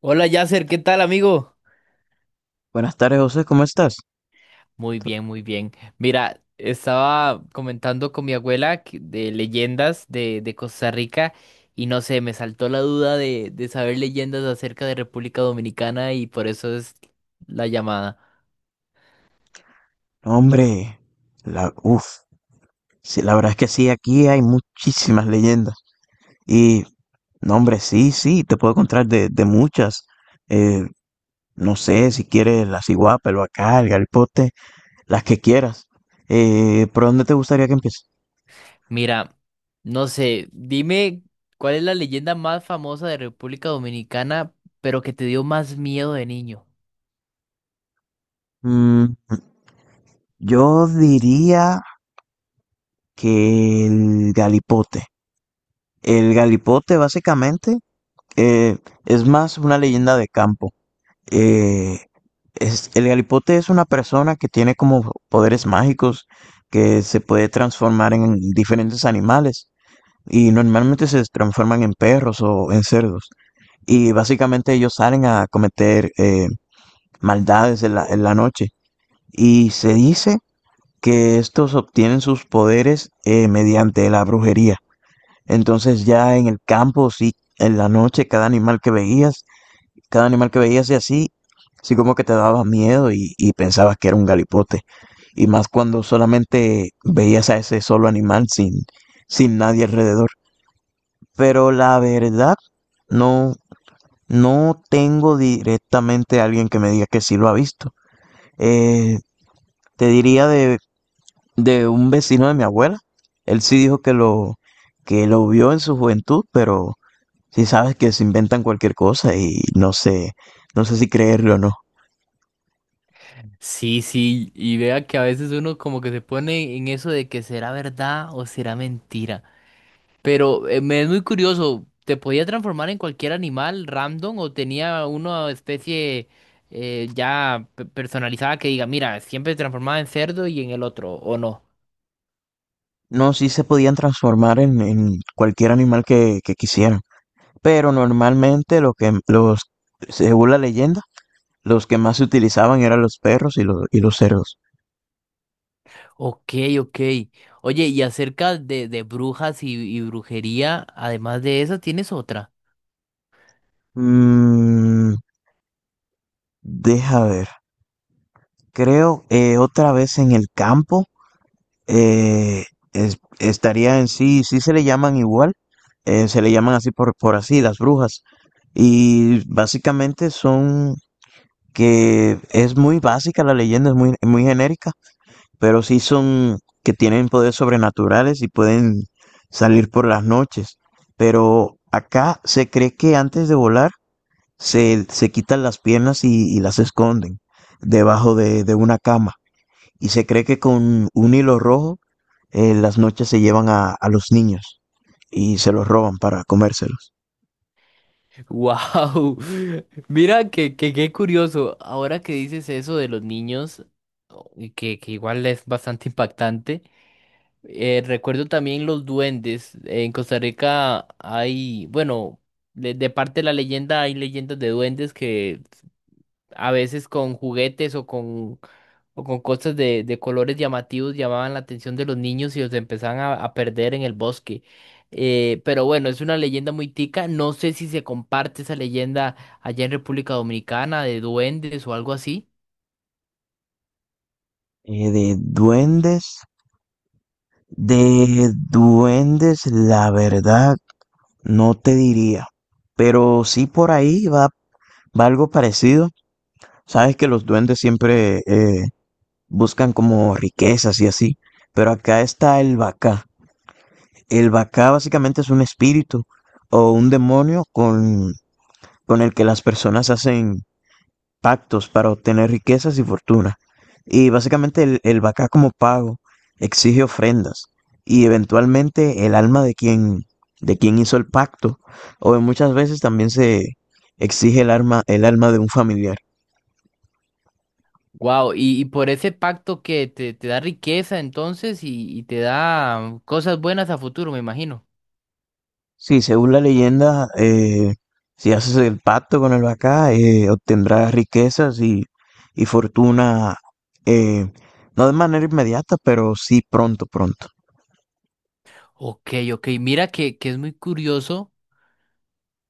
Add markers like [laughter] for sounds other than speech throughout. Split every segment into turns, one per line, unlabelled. Hola Yasser, ¿qué tal amigo?
Buenas tardes, José, ¿cómo estás?
Muy bien, muy bien. Mira, estaba comentando con mi abuela de leyendas de Costa Rica y no sé, me saltó la duda de saber leyendas acerca de República Dominicana y por eso es la llamada.
No, hombre, la, uf, sí, la verdad es que sí, aquí hay muchísimas leyendas. Y, no, hombre, sí, sí, te puedo contar de muchas. Eh, no sé, si quieres la ciguapa, el Bacá, el galipote, las que quieras. ¿por dónde te gustaría que empiece?
Mira, no sé, dime cuál es la leyenda más famosa de República Dominicana, pero que te dio más miedo de niño.
Mm, yo diría que el Galipote. El Galipote, básicamente, eh, es más una leyenda de campo. Eh, es, el galipote es una persona que tiene como poderes mágicos, que se puede transformar en diferentes animales y normalmente se transforman en perros o en cerdos. Y básicamente ellos salen a cometer maldades en la noche. Y se dice que estos obtienen sus poderes mediante la brujería. Entonces ya en el campo, sí, en la noche, cada animal que veías y así, así como que te daba miedo y pensabas que era un galipote. Y más cuando solamente veías a ese solo animal sin nadie alrededor. Pero la verdad, no, no tengo directamente a alguien que me diga que sí lo ha visto. Eh, Te diría de un vecino de mi abuela. Él sí dijo que lo vio en su juventud, pero sí sabes que se inventan cualquier cosa y no sé, no sé si creerlo o no.
Sí, sí, y vea que a veces uno como que se pone en eso de que será verdad o será mentira. Pero me es muy curioso, ¿te podía transformar en cualquier animal random o tenía una especie ya personalizada que diga, mira, siempre transformada en cerdo y en el otro, ¿o no?
No, sí se podían transformar en cualquier animal que quisieran. Pero normalmente según la leyenda, los que más se utilizaban eran los perros y y los cerdos.
Ok, ok. Oye, y acerca de brujas y brujería, además de eso, ¿tienes otra?
Mm, Deja ver. Creo otra vez en el campo. eh, Estaría en sí, sí se le llaman igual. Se le llaman así por así, las brujas. Y básicamente son que es muy básica la leyenda, es muy, muy genérica, pero sí son que tienen poderes sobrenaturales y pueden salir por las noches. Pero acá se cree que antes de volar se quitan las piernas y las esconden debajo de una cama. Y se cree que con un hilo rojo las noches se llevan a los niños y se los roban para comérselos.
¡Wow! [laughs] Mira que qué curioso. Ahora que dices eso de los niños, y que igual es bastante impactante. Recuerdo también los duendes. En Costa Rica hay, bueno, de parte de la leyenda hay leyendas de duendes que a veces con juguetes o con cosas de colores llamativos llamaban la atención de los niños y los empezaban a perder en el bosque. Pero bueno, es una leyenda muy tica. No sé si se comparte esa leyenda allá en República Dominicana de duendes o algo así.
Eh, de duendes, de duendes, la verdad, no te diría. Pero sí por ahí va. Va algo parecido. Sabes que los duendes siempre buscan como riquezas y así, pero acá está el Bacá. El Bacá básicamente es un espíritu o un demonio con el que las personas hacen pactos para obtener riquezas y fortuna. Y básicamente el Bacá como pago exige ofrendas y eventualmente el alma de quien hizo el pacto, o muchas veces también se exige el alma de un familiar.
Wow, y por ese pacto que te da riqueza entonces y te da cosas buenas a futuro, me imagino.
Sí, según la leyenda, si haces el pacto con el Bacá, obtendrás riquezas y fortuna, eh, no de manera inmediata, pero sí pronto, pronto.
Ok, ok, mira que es muy curioso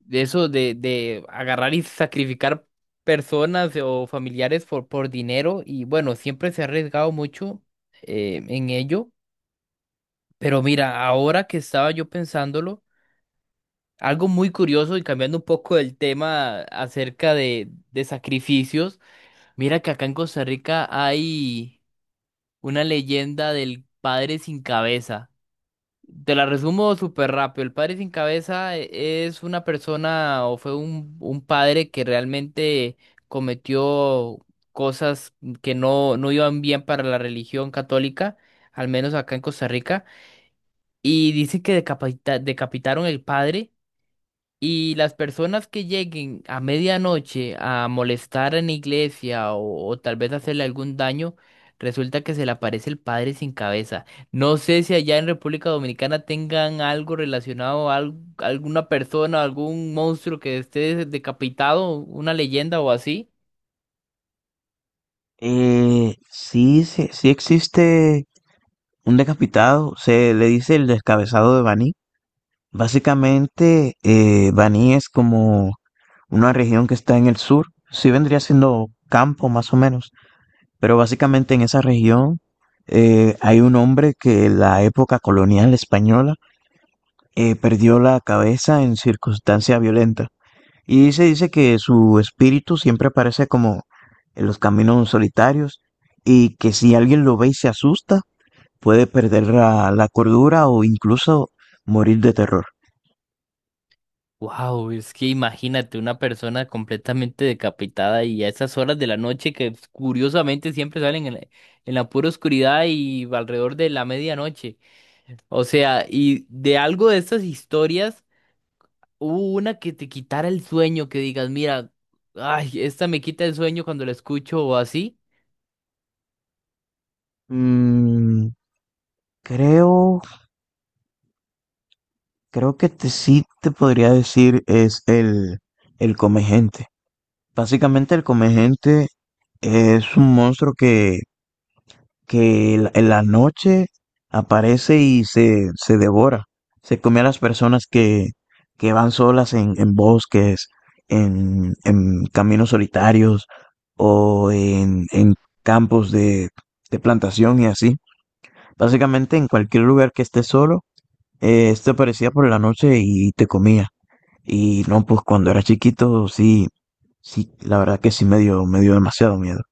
de eso de agarrar y sacrificar personas o familiares por dinero y bueno, siempre se ha arriesgado mucho en ello, pero mira, ahora que estaba yo pensándolo, algo muy curioso y cambiando un poco el tema acerca de sacrificios, mira que acá en Costa Rica hay una leyenda del padre sin cabeza. Te la resumo súper rápido. El padre sin cabeza es una persona o fue un padre que realmente cometió cosas que no, no iban bien para la religión católica, al menos acá en Costa Rica. Y dicen que decapitaron el padre y las personas que lleguen a medianoche a molestar en la iglesia o tal vez hacerle algún daño, resulta que se le aparece el padre sin cabeza. No sé si allá en República Dominicana tengan algo relacionado a alguna persona, algún monstruo que esté decapitado, una leyenda o así.
Sí, sí, sí existe un decapitado, se le dice el descabezado de Baní. Básicamente, Baní es como una región que está en el sur, sí vendría siendo campo más o menos, pero básicamente en esa región hay un hombre que en la época colonial española perdió la cabeza en circunstancia violenta y se dice que su espíritu siempre aparece como en los caminos solitarios, y que si alguien lo ve y se asusta, puede perder la cordura o incluso morir de terror.
Wow, es que imagínate una persona completamente decapitada y a esas horas de la noche que curiosamente siempre salen en la pura oscuridad y alrededor de la medianoche. O sea, y de algo de estas historias, hubo una que te quitara el sueño, que digas, mira, ay, esta me quita el sueño cuando la escucho o así.
Mm, Creo, Creo que te, sí te podría decir es el come gente. Básicamente el come gente es un monstruo que en la noche aparece y se devora. Se come a las personas que van solas en bosques, en caminos solitarios o en campos de plantación y así. Básicamente en cualquier lugar que estés solo. Este aparecía por la noche y te comía. Y no, pues cuando era chiquito, sí, sí, la verdad que sí me dio demasiado miedo.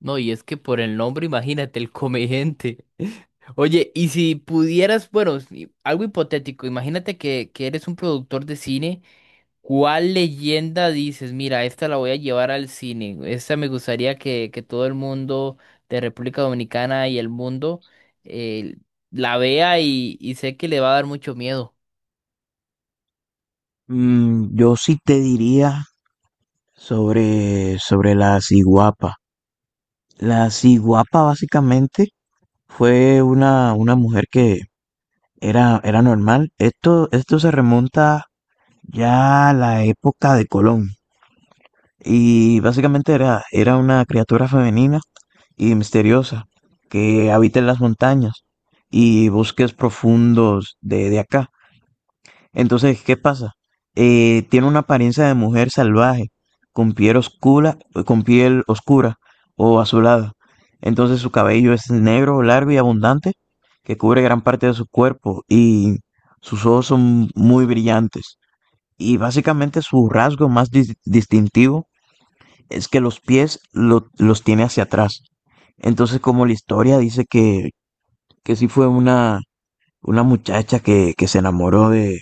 No, y es que por el nombre, imagínate, el comediante. [laughs] Oye, y si pudieras, bueno, algo hipotético, imagínate que eres un productor de cine. ¿Cuál leyenda dices? Mira, esta la voy a llevar al cine. Esta me gustaría que todo el mundo de República Dominicana y el mundo eh, la vea y sé que le va a dar mucho miedo.
Yo sí te diría sobre la ciguapa. La ciguapa básicamente fue una mujer que era, era normal. Esto se remonta ya a la época de Colón. Y básicamente era, era una criatura femenina y misteriosa que habita en las montañas y bosques profundos de acá. Entonces, ¿qué pasa? Tiene una apariencia de mujer salvaje, con piel oscura, con piel oscura o azulada. Entonces su cabello es negro, largo y abundante, que cubre gran parte de su cuerpo, y sus ojos son muy brillantes. Y básicamente su rasgo más distintivo es que los pies los tiene hacia atrás. Entonces, como la historia dice que sí fue una muchacha que se enamoró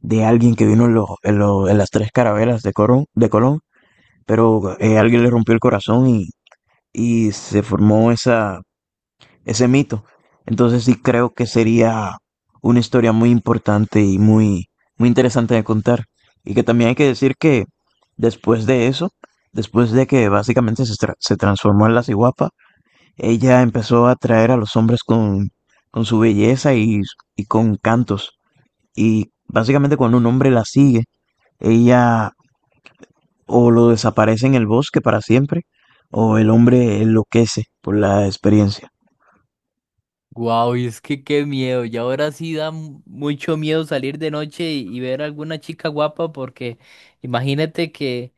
de alguien que vino en las tres carabelas de Colón, de Colón, pero alguien le rompió el corazón y se formó esa, ese mito. Entonces sí creo que sería una historia muy importante y muy, muy interesante de contar. Y que también hay que decir que después de eso, después de que básicamente se transformó en la ciguapa, ella empezó a atraer a los hombres con su belleza y con cantos. Y básicamente cuando un hombre la sigue, ella o lo desaparece en el bosque para siempre, o el hombre enloquece por la experiencia.
Guau, y es que qué miedo. Y ahora sí da mucho miedo salir de noche y ver a alguna chica guapa porque imagínate que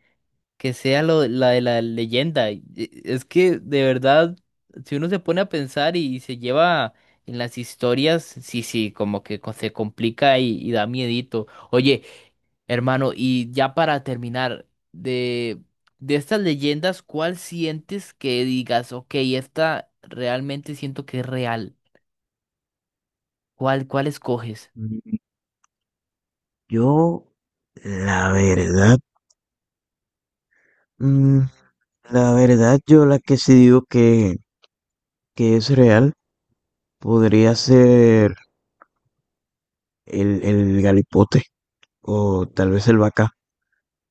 sea lo, la de la leyenda. Es que de verdad, si uno se pone a pensar y, se lleva en las historias, sí, sí, como que se complica y da miedito. Oye, hermano, y ya para terminar, de estas leyendas, ¿cuál sientes que digas, ok, esta realmente siento que es real? ¿Cuál, cuál escoges?
Mm, Yo La verdad, mm, La verdad, yo, la que sí digo que es real podría ser el galipote o tal vez el vaca.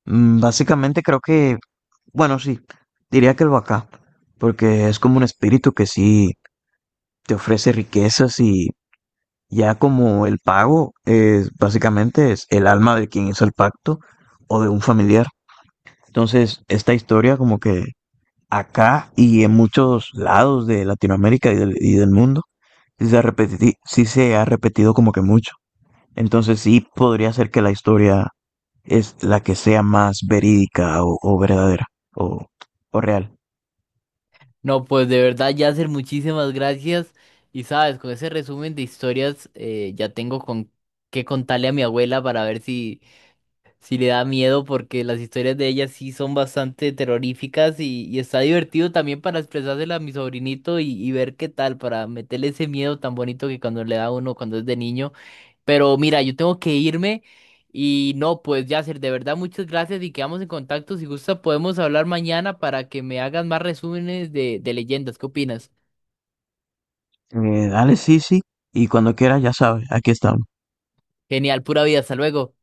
Básicamente creo que, bueno, sí, diría que el vaca, porque es como un espíritu que sí te ofrece riquezas, y ya como el pago es básicamente es el alma de quien hizo el pacto o de un familiar. Entonces, esta historia como que acá y en muchos lados de Latinoamérica y del mundo, sí sí se ha repetido como que mucho. Entonces sí podría ser que la historia es la que sea más verídica o verdadera o, o real.
No, pues de verdad, Yasser, muchísimas gracias. Y sabes, con ese resumen de historias ya tengo con qué contarle a mi abuela para ver si sí le da miedo, porque las historias de ella sí son bastante terroríficas y está divertido también para expresársela a mi sobrinito y ver qué tal, para meterle ese miedo tan bonito que cuando le da a uno cuando es de niño. Pero mira, yo tengo que irme y no, pues Yasser, de verdad muchas gracias y quedamos en contacto. Si gusta podemos hablar mañana para que me hagas más resúmenes de leyendas. ¿Qué opinas?
Dale, sí, sí. Y cuando quieras, ya sabes, aquí estamos.
Genial, pura vida, hasta luego.